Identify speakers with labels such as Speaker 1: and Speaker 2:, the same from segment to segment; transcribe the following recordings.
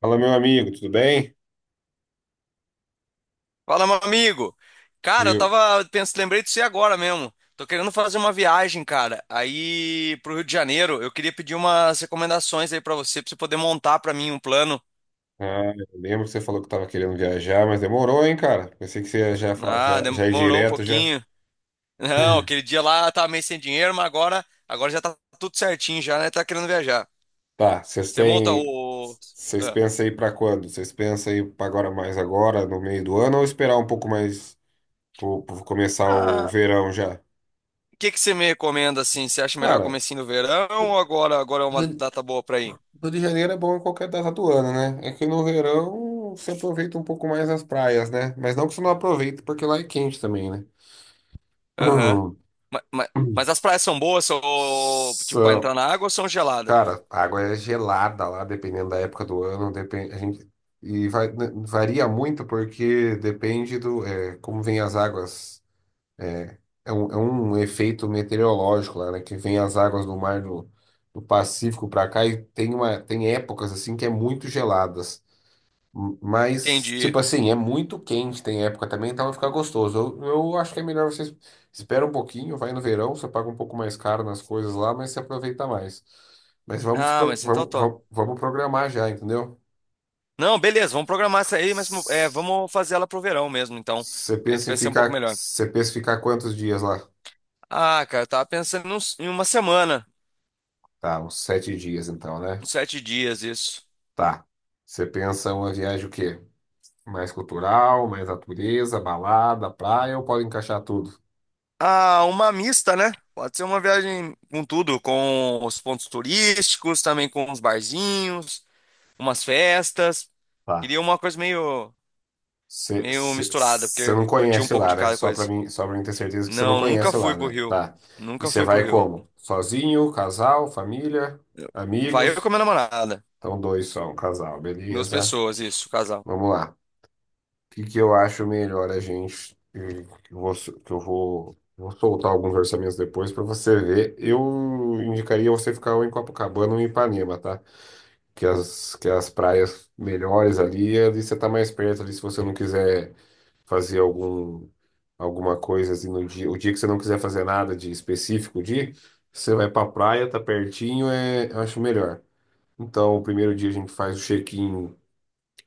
Speaker 1: Fala, meu amigo, tudo bem?
Speaker 2: Fala, meu amigo. Cara, eu
Speaker 1: Viu?
Speaker 2: tava pensando, lembrei de você agora mesmo. Tô querendo fazer uma viagem, cara, aí pro Rio de Janeiro. Eu queria pedir umas recomendações aí pra você poder montar pra mim um plano.
Speaker 1: Eu lembro que você falou que estava querendo viajar, mas demorou, hein, cara? Pensei que você ia já, fa-
Speaker 2: Ah,
Speaker 1: já, já ir
Speaker 2: demorou um
Speaker 1: direto já.
Speaker 2: pouquinho. Não, aquele dia lá eu tava meio sem dinheiro, mas agora, agora já tá tudo certinho já, né? Tá querendo viajar.
Speaker 1: Tá, vocês
Speaker 2: Você monta
Speaker 1: têm.
Speaker 2: o...
Speaker 1: Vocês
Speaker 2: Ah,
Speaker 1: pensam aí pra quando? Vocês pensam aí pra agora mais agora, no meio do ano, ou esperar um pouco mais pro começar o
Speaker 2: Ah,
Speaker 1: verão já?
Speaker 2: o que que você me recomenda, assim? Você acha melhor
Speaker 1: Cara,
Speaker 2: comecinho do verão ou agora, agora é uma
Speaker 1: Rio
Speaker 2: data boa pra ir?
Speaker 1: Rio de Janeiro é bom em qualquer data do ano, né? É que no verão você aproveita um pouco mais as praias, né? Mas não que você não aproveite, porque lá é quente também, né?
Speaker 2: Aham. Ma- ma- Mas, as praias são boas, ou, tipo, pra
Speaker 1: So,
Speaker 2: entrar na água ou são geladas?
Speaker 1: cara, a água é gelada lá, dependendo da época do ano, depende, a gente, né, varia muito porque depende do, como vem as águas, é, é um efeito meteorológico lá, né, que vem as águas do mar do Pacífico para cá e tem uma, tem épocas assim que é muito geladas. Mas, tipo
Speaker 2: Entendi.
Speaker 1: assim, é muito quente, tem época também, então vai ficar gostoso. Eu acho que é melhor você espera um pouquinho, vai no verão, você paga um pouco mais caro nas coisas lá, mas você aproveita mais. Mas
Speaker 2: Ah, mas então tô.
Speaker 1: vamos programar já, entendeu?
Speaker 2: Não, beleza, vamos programar essa aí, mas é,
Speaker 1: S-
Speaker 2: vamos fazer ela pro verão mesmo, então.
Speaker 1: Você
Speaker 2: Acredito
Speaker 1: pensa
Speaker 2: que
Speaker 1: em
Speaker 2: vai ser um pouco
Speaker 1: ficar,
Speaker 2: melhor.
Speaker 1: quantos dias lá?
Speaker 2: Ah, cara, eu tava pensando em em 1 semana,
Speaker 1: Tá, uns 7 dias então, né?
Speaker 2: uns 7 dias, isso.
Speaker 1: Tá. Você pensa uma viagem o quê? Mais cultural, mais natureza, balada, praia, ou pode encaixar tudo?
Speaker 2: Ah, uma mista, né? Pode ser uma viagem com tudo, com os pontos turísticos, também com uns barzinhos, umas festas.
Speaker 1: Tá.
Speaker 2: Queria uma coisa meio, meio misturada,
Speaker 1: Você
Speaker 2: porque
Speaker 1: não
Speaker 2: curti um
Speaker 1: conhece
Speaker 2: pouco
Speaker 1: lá,
Speaker 2: de
Speaker 1: né?
Speaker 2: cada
Speaker 1: Só pra
Speaker 2: coisa.
Speaker 1: mim, só pra mim ter certeza que você não
Speaker 2: Não, nunca
Speaker 1: conhece lá,
Speaker 2: fui pro
Speaker 1: né?
Speaker 2: Rio.
Speaker 1: Tá. E
Speaker 2: Nunca
Speaker 1: você
Speaker 2: fui pro
Speaker 1: vai
Speaker 2: Rio.
Speaker 1: como? Sozinho, casal, família,
Speaker 2: Vai eu com
Speaker 1: amigos?
Speaker 2: a minha namorada.
Speaker 1: Então, dois só, um casal,
Speaker 2: Duas
Speaker 1: beleza?
Speaker 2: pessoas, isso, casal.
Speaker 1: Vamos lá. O que que eu acho melhor a gente. Que eu vou soltar alguns orçamentos depois pra você ver. Eu indicaria você ficar ou em Copacabana ou em Ipanema, tá? Que as praias melhores ali, ali você tá mais perto ali se você não quiser fazer algum, alguma coisa assim no dia. O dia que você não quiser fazer nada de específico, o dia, você vai pra praia, tá pertinho, eu acho melhor. Então, o primeiro dia a gente faz o check-in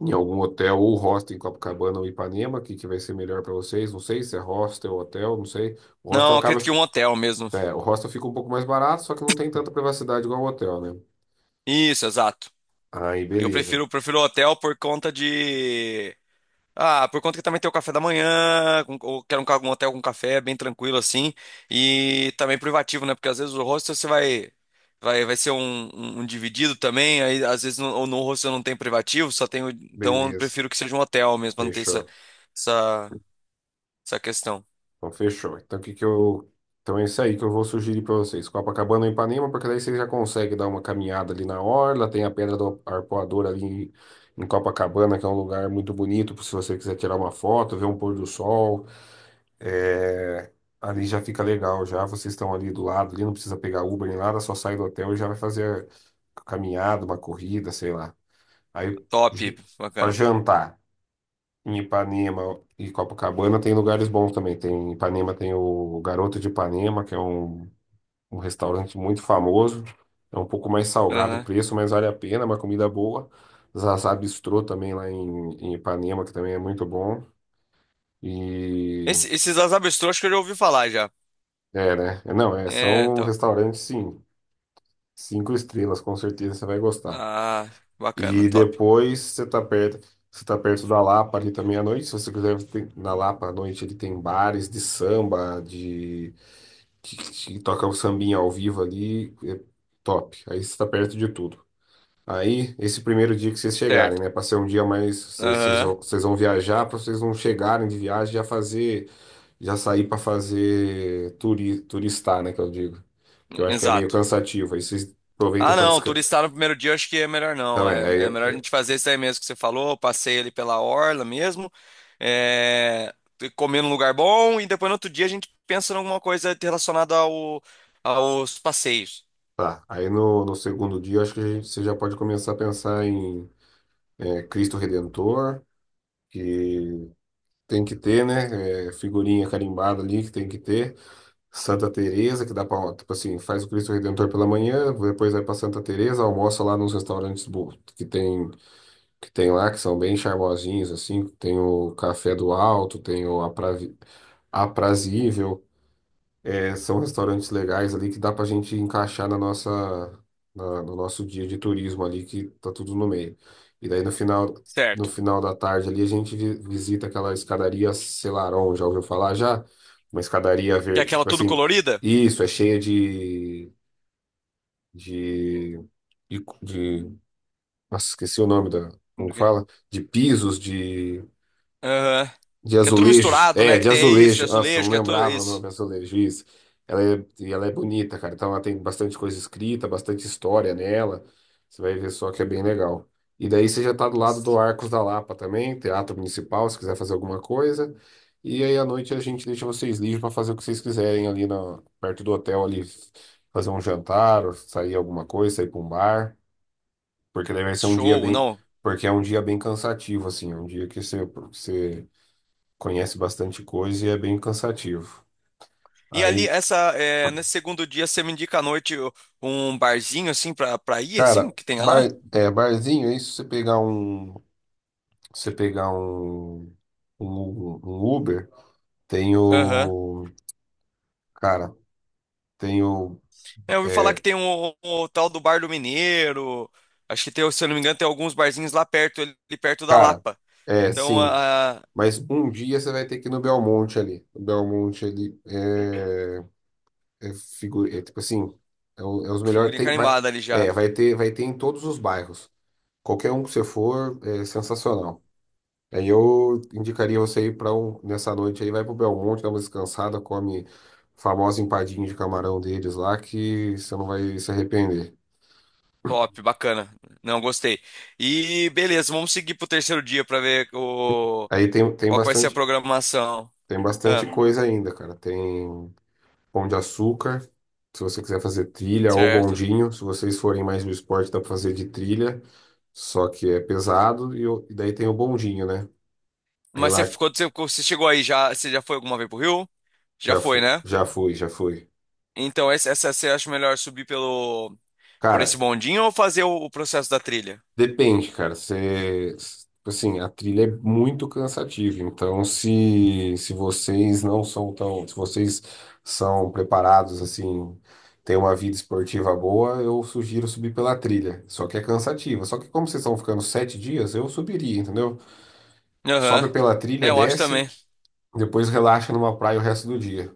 Speaker 1: em algum hotel ou hostel em Copacabana ou Ipanema, que vai ser melhor pra vocês. Não sei se é hostel ou hotel, não sei. O hostel
Speaker 2: Não,
Speaker 1: acaba,
Speaker 2: acredito que um hotel mesmo.
Speaker 1: o hostel fica um pouco mais barato, só que não tem tanta privacidade igual o hotel, né?
Speaker 2: Isso, exato.
Speaker 1: Aí,
Speaker 2: Eu
Speaker 1: beleza.
Speaker 2: prefiro, prefiro hotel por conta de. Ah, por conta que também tem o café da manhã, ou quero um, um hotel com café, bem tranquilo assim. E também privativo, né? Porque às vezes o hostel você vai. Vai ser um, um dividido também, aí às vezes no, ou no hostel não tem privativo, só tem. Então eu
Speaker 1: Beleza.
Speaker 2: prefiro que seja um hotel mesmo, pra não ter essa,
Speaker 1: Fechou.
Speaker 2: essa, essa questão.
Speaker 1: Então, fechou. Então, o que que eu. Então, é isso aí que eu vou sugerir para vocês. Copacabana ou Ipanema, porque daí vocês já conseguem dar uma caminhada ali na orla. Tem a Pedra do Arpoador ali em Copacabana, que é um lugar muito bonito, se você quiser tirar uma foto, ver um pôr do sol. É, Ali já fica legal, já. Vocês estão ali do lado, ali não precisa pegar Uber nem nada, só sai do hotel e já vai fazer a caminhada, uma corrida, sei lá. Aí,
Speaker 2: Top,
Speaker 1: para
Speaker 2: bacana.
Speaker 1: jantar. Em Ipanema e Copacabana tem lugares bons também. Tem, em Ipanema tem o Garoto de Ipanema, que é um restaurante muito famoso. É um pouco mais salgado o
Speaker 2: Aham.
Speaker 1: preço, mas vale a pena, é uma comida boa. Zazá Bistrô também lá em Ipanema, que também é muito bom. E
Speaker 2: Esses Azabestrô, que eu já ouvi falar já.
Speaker 1: é, né? É. Não,
Speaker 2: É,
Speaker 1: são
Speaker 2: então.
Speaker 1: restaurantes, sim. 5 estrelas, com certeza você vai gostar.
Speaker 2: Ah, bacana,
Speaker 1: E
Speaker 2: top.
Speaker 1: depois você tá perto da Lapa ali também à noite. Se você quiser na Lapa à noite, ele tem bares de samba, de que toca o sambinha ao vivo ali, é top. Aí você está perto de tudo. Aí, esse primeiro dia que vocês chegarem,
Speaker 2: Certo.
Speaker 1: né? Pra ser um dia mais. Vocês vocês
Speaker 2: Aham,
Speaker 1: vão vocês vão viajar, para vocês não chegarem de viagem já fazer. Já sair para fazer turistar, né? Que eu digo. Que eu acho que é meio
Speaker 2: exato.
Speaker 1: cansativo. Aí vocês aproveitam
Speaker 2: Ah,
Speaker 1: para
Speaker 2: não,
Speaker 1: descansar.
Speaker 2: turistar no primeiro dia eu acho que é melhor
Speaker 1: Então,
Speaker 2: não. É,
Speaker 1: é.
Speaker 2: é melhor a gente fazer isso aí mesmo que você falou, passeio ali pela orla mesmo, é, comer num lugar bom e depois no outro dia a gente pensa em alguma coisa relacionada ao, aos passeios.
Speaker 1: Tá. Aí no segundo dia, eu acho que você já pode começar a pensar em Cristo Redentor, que tem que ter, né? Figurinha carimbada ali que tem que ter. Santa Teresa, que dá pra, tipo assim, faz o Cristo Redentor pela manhã, depois vai pra Santa Teresa, almoça lá nos restaurantes que tem lá, que são bem charmosinhos assim, tem o Café do Alto, tem o Aprazível, é, são restaurantes legais ali que dá pra gente encaixar na nossa, no nosso dia de turismo ali, que tá tudo no meio. E daí no final, no
Speaker 2: Certo.
Speaker 1: final da tarde ali a gente visita aquela escadaria Selarón, já ouviu falar já? Uma escadaria
Speaker 2: Que é
Speaker 1: verde, que,
Speaker 2: aquela
Speaker 1: tipo
Speaker 2: tudo
Speaker 1: assim,
Speaker 2: colorida?
Speaker 1: isso, é cheia de, de, de- nossa, esqueci o nome da, como que fala? De pisos, de
Speaker 2: Aham.
Speaker 1: de
Speaker 2: Que é tudo
Speaker 1: azulejos?
Speaker 2: misturado,
Speaker 1: É,
Speaker 2: né? Que
Speaker 1: de
Speaker 2: tem isso, é
Speaker 1: azulejo. Nossa,
Speaker 2: azulejo,
Speaker 1: não
Speaker 2: que é tudo
Speaker 1: lembrava o nome
Speaker 2: isso.
Speaker 1: azulejo. Isso. Ela é bonita, cara. Então ela tem bastante coisa escrita, bastante história nela. Você vai ver só que é bem legal. E daí você já tá do lado do Arcos da Lapa também, Teatro Municipal, se quiser fazer alguma coisa. E aí à noite a gente deixa vocês livres para fazer o que vocês quiserem ali na, perto do hotel ali, fazer um jantar, ou sair alguma coisa, sair para um bar, porque daí vai ser um dia
Speaker 2: Show,
Speaker 1: bem,
Speaker 2: não.
Speaker 1: porque é um dia bem cansativo assim, é um dia que você conhece bastante coisa e é bem cansativo.
Speaker 2: E ali,
Speaker 1: Aí,
Speaker 2: essa, é, nesse segundo dia, você me indica à noite um barzinho, assim, pra, pra ir, assim,
Speaker 1: cara,
Speaker 2: que tenha
Speaker 1: bar,
Speaker 2: lá?
Speaker 1: barzinho, é isso, você pegar um Uber, tem
Speaker 2: Aham.
Speaker 1: o, cara, tem o,
Speaker 2: É, eu ouvi falar que
Speaker 1: é,
Speaker 2: tem o tal do Bar do Mineiro. Acho que tem, se eu não me engano, tem alguns barzinhos lá perto, ali perto da
Speaker 1: cara,
Speaker 2: Lapa. Então,
Speaker 1: sim,
Speaker 2: a
Speaker 1: mas um dia você vai ter que ir no Belmonte ali, o Belmonte ali é tipo assim, é os melhores,
Speaker 2: figurinha
Speaker 1: tem, vai,
Speaker 2: carimbada ali já.
Speaker 1: é, vai ter em todos os bairros, qualquer um que você for, é sensacional. Aí eu indicaria você ir para um, nessa noite aí, vai pro Belmonte, dá uma descansada, come a famosa empadinha de camarão deles lá, que você não vai se arrepender.
Speaker 2: Top, bacana. Não, gostei. E beleza, vamos seguir pro terceiro dia pra ver o,
Speaker 1: Aí tem,
Speaker 2: qual que vai ser a programação.
Speaker 1: tem bastante
Speaker 2: Ah,
Speaker 1: coisa ainda, cara. Tem pão de açúcar, se você quiser fazer trilha, ou
Speaker 2: certo.
Speaker 1: bondinho, se vocês forem mais do esporte, dá pra fazer de trilha, só que é pesado, e daí tem o bondinho, né? Aí
Speaker 2: Mas
Speaker 1: lá
Speaker 2: você, quando você chegou aí, já, você já foi alguma vez pro Rio? Já
Speaker 1: já
Speaker 2: foi,
Speaker 1: fui,
Speaker 2: né?
Speaker 1: já fui, já fui.
Speaker 2: Então, essa você acha melhor subir pelo, por esse
Speaker 1: Cara,
Speaker 2: bondinho ou fazer o processo da trilha?
Speaker 1: depende, cara. Você, assim, a trilha é muito cansativa. Então, se vocês não são tão, se vocês são preparados, assim, têm uma vida esportiva boa, eu sugiro subir pela trilha. Só que é cansativa. Só que como vocês estão ficando 7 dias, eu subiria, entendeu? Sobe
Speaker 2: Aham.
Speaker 1: pela trilha,
Speaker 2: É, eu acho
Speaker 1: desce,
Speaker 2: também.
Speaker 1: depois relaxa numa praia o resto do dia.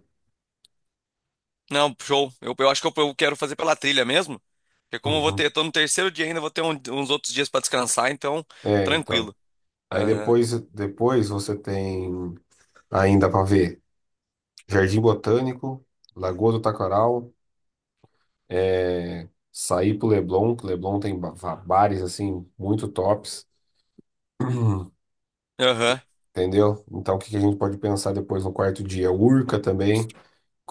Speaker 2: Não, show. Eu acho que eu quero fazer pela trilha mesmo. Porque como eu vou ter,
Speaker 1: Uhum.
Speaker 2: tô no terceiro dia ainda, eu vou ter uns outros dias pra descansar, então,
Speaker 1: É, então.
Speaker 2: tranquilo.
Speaker 1: Aí
Speaker 2: Aham.
Speaker 1: depois você tem ainda para ver Jardim Botânico, Lagoa do Taquaral. É, saí pro Leblon, que Leblon tem bares assim muito tops,
Speaker 2: Aham.
Speaker 1: entendeu? Então o que que a gente pode pensar depois no quarto dia? Urca também,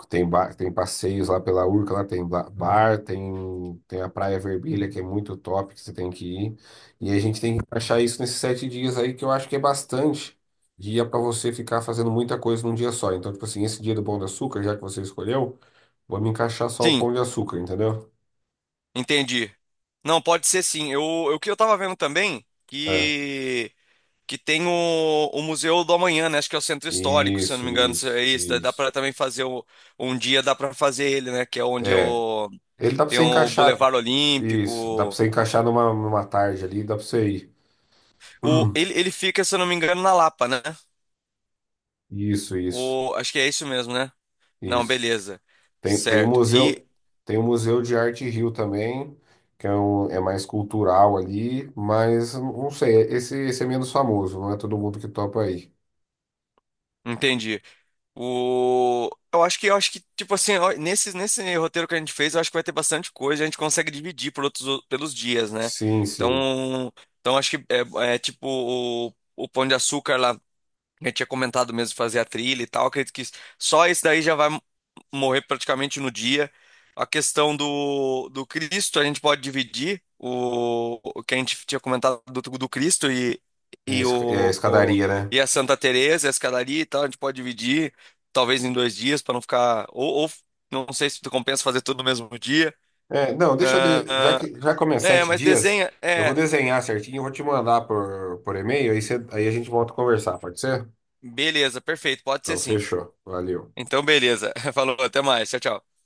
Speaker 1: tem tem passeios lá pela Urca, lá tem bar, tem a Praia Vermelha que é muito top que você tem que ir. E a gente tem que achar isso nesses 7 dias aí que eu acho que é bastante dia para você ficar fazendo muita coisa num dia só. Então tipo assim, esse dia do Pão de Açúcar, já que você escolheu, vou me encaixar só o
Speaker 2: Sim,
Speaker 1: Pão de Açúcar, entendeu?
Speaker 2: entendi. Não, pode ser sim. Eu, o que eu tava vendo também,
Speaker 1: É.
Speaker 2: que tem o Museu do Amanhã, né? Acho que é o Centro Histórico, se eu não me
Speaker 1: Isso,
Speaker 2: engano, se é
Speaker 1: isso,
Speaker 2: isso. Dá para
Speaker 1: isso.
Speaker 2: também fazer um dia, dá para fazer ele, né? Que é onde
Speaker 1: É,
Speaker 2: o,
Speaker 1: ele dá pra
Speaker 2: tem
Speaker 1: você
Speaker 2: o
Speaker 1: encaixar.
Speaker 2: Boulevard
Speaker 1: Isso, dá pra
Speaker 2: Olímpico.
Speaker 1: você encaixar numa tarde ali, dá pra você ir.
Speaker 2: O, ele fica, se eu não me engano, na Lapa, né?
Speaker 1: Isso, isso,
Speaker 2: O, acho que é isso mesmo, né? Não,
Speaker 1: isso.
Speaker 2: beleza.
Speaker 1: Tem o
Speaker 2: Certo. E
Speaker 1: museu, tem o Museu de Arte Rio também, que é, um, é mais cultural ali, mas não sei, esse é menos famoso, não é todo mundo que topa aí.
Speaker 2: entendi. O... eu acho que, tipo assim, ó, nesse, nesse roteiro que a gente fez, eu acho que vai ter bastante coisa, a gente consegue dividir por outros, pelos dias, né?
Speaker 1: Sim, sim.
Speaker 2: Então, então acho que é, é tipo o Pão de Açúcar lá, que eu tinha comentado mesmo, de fazer a trilha e tal, acredito que só isso daí já vai, morrer praticamente no dia. A questão do, do Cristo, a gente pode dividir o que a gente tinha comentado do, do Cristo e,
Speaker 1: É, a
Speaker 2: e,
Speaker 1: é a
Speaker 2: o, o-
Speaker 1: escadaria, né?
Speaker 2: e a Santa Teresa, e a escadaria e tal, a gente pode dividir talvez em 2 dias para não ficar. Ou não sei se compensa fazer tudo no mesmo dia.
Speaker 1: É, não, deixa eu. Já
Speaker 2: Ah,
Speaker 1: que, já como é
Speaker 2: é,
Speaker 1: sete
Speaker 2: mas
Speaker 1: dias,
Speaker 2: desenha.
Speaker 1: eu vou
Speaker 2: É,
Speaker 1: desenhar certinho, eu vou te mandar por, e-mail, aí, aí a gente volta a conversar, pode ser?
Speaker 2: beleza, perfeito, pode ser
Speaker 1: Então,
Speaker 2: sim.
Speaker 1: fechou. Valeu.
Speaker 2: Então, beleza. Falou, até mais. Tchau, tchau.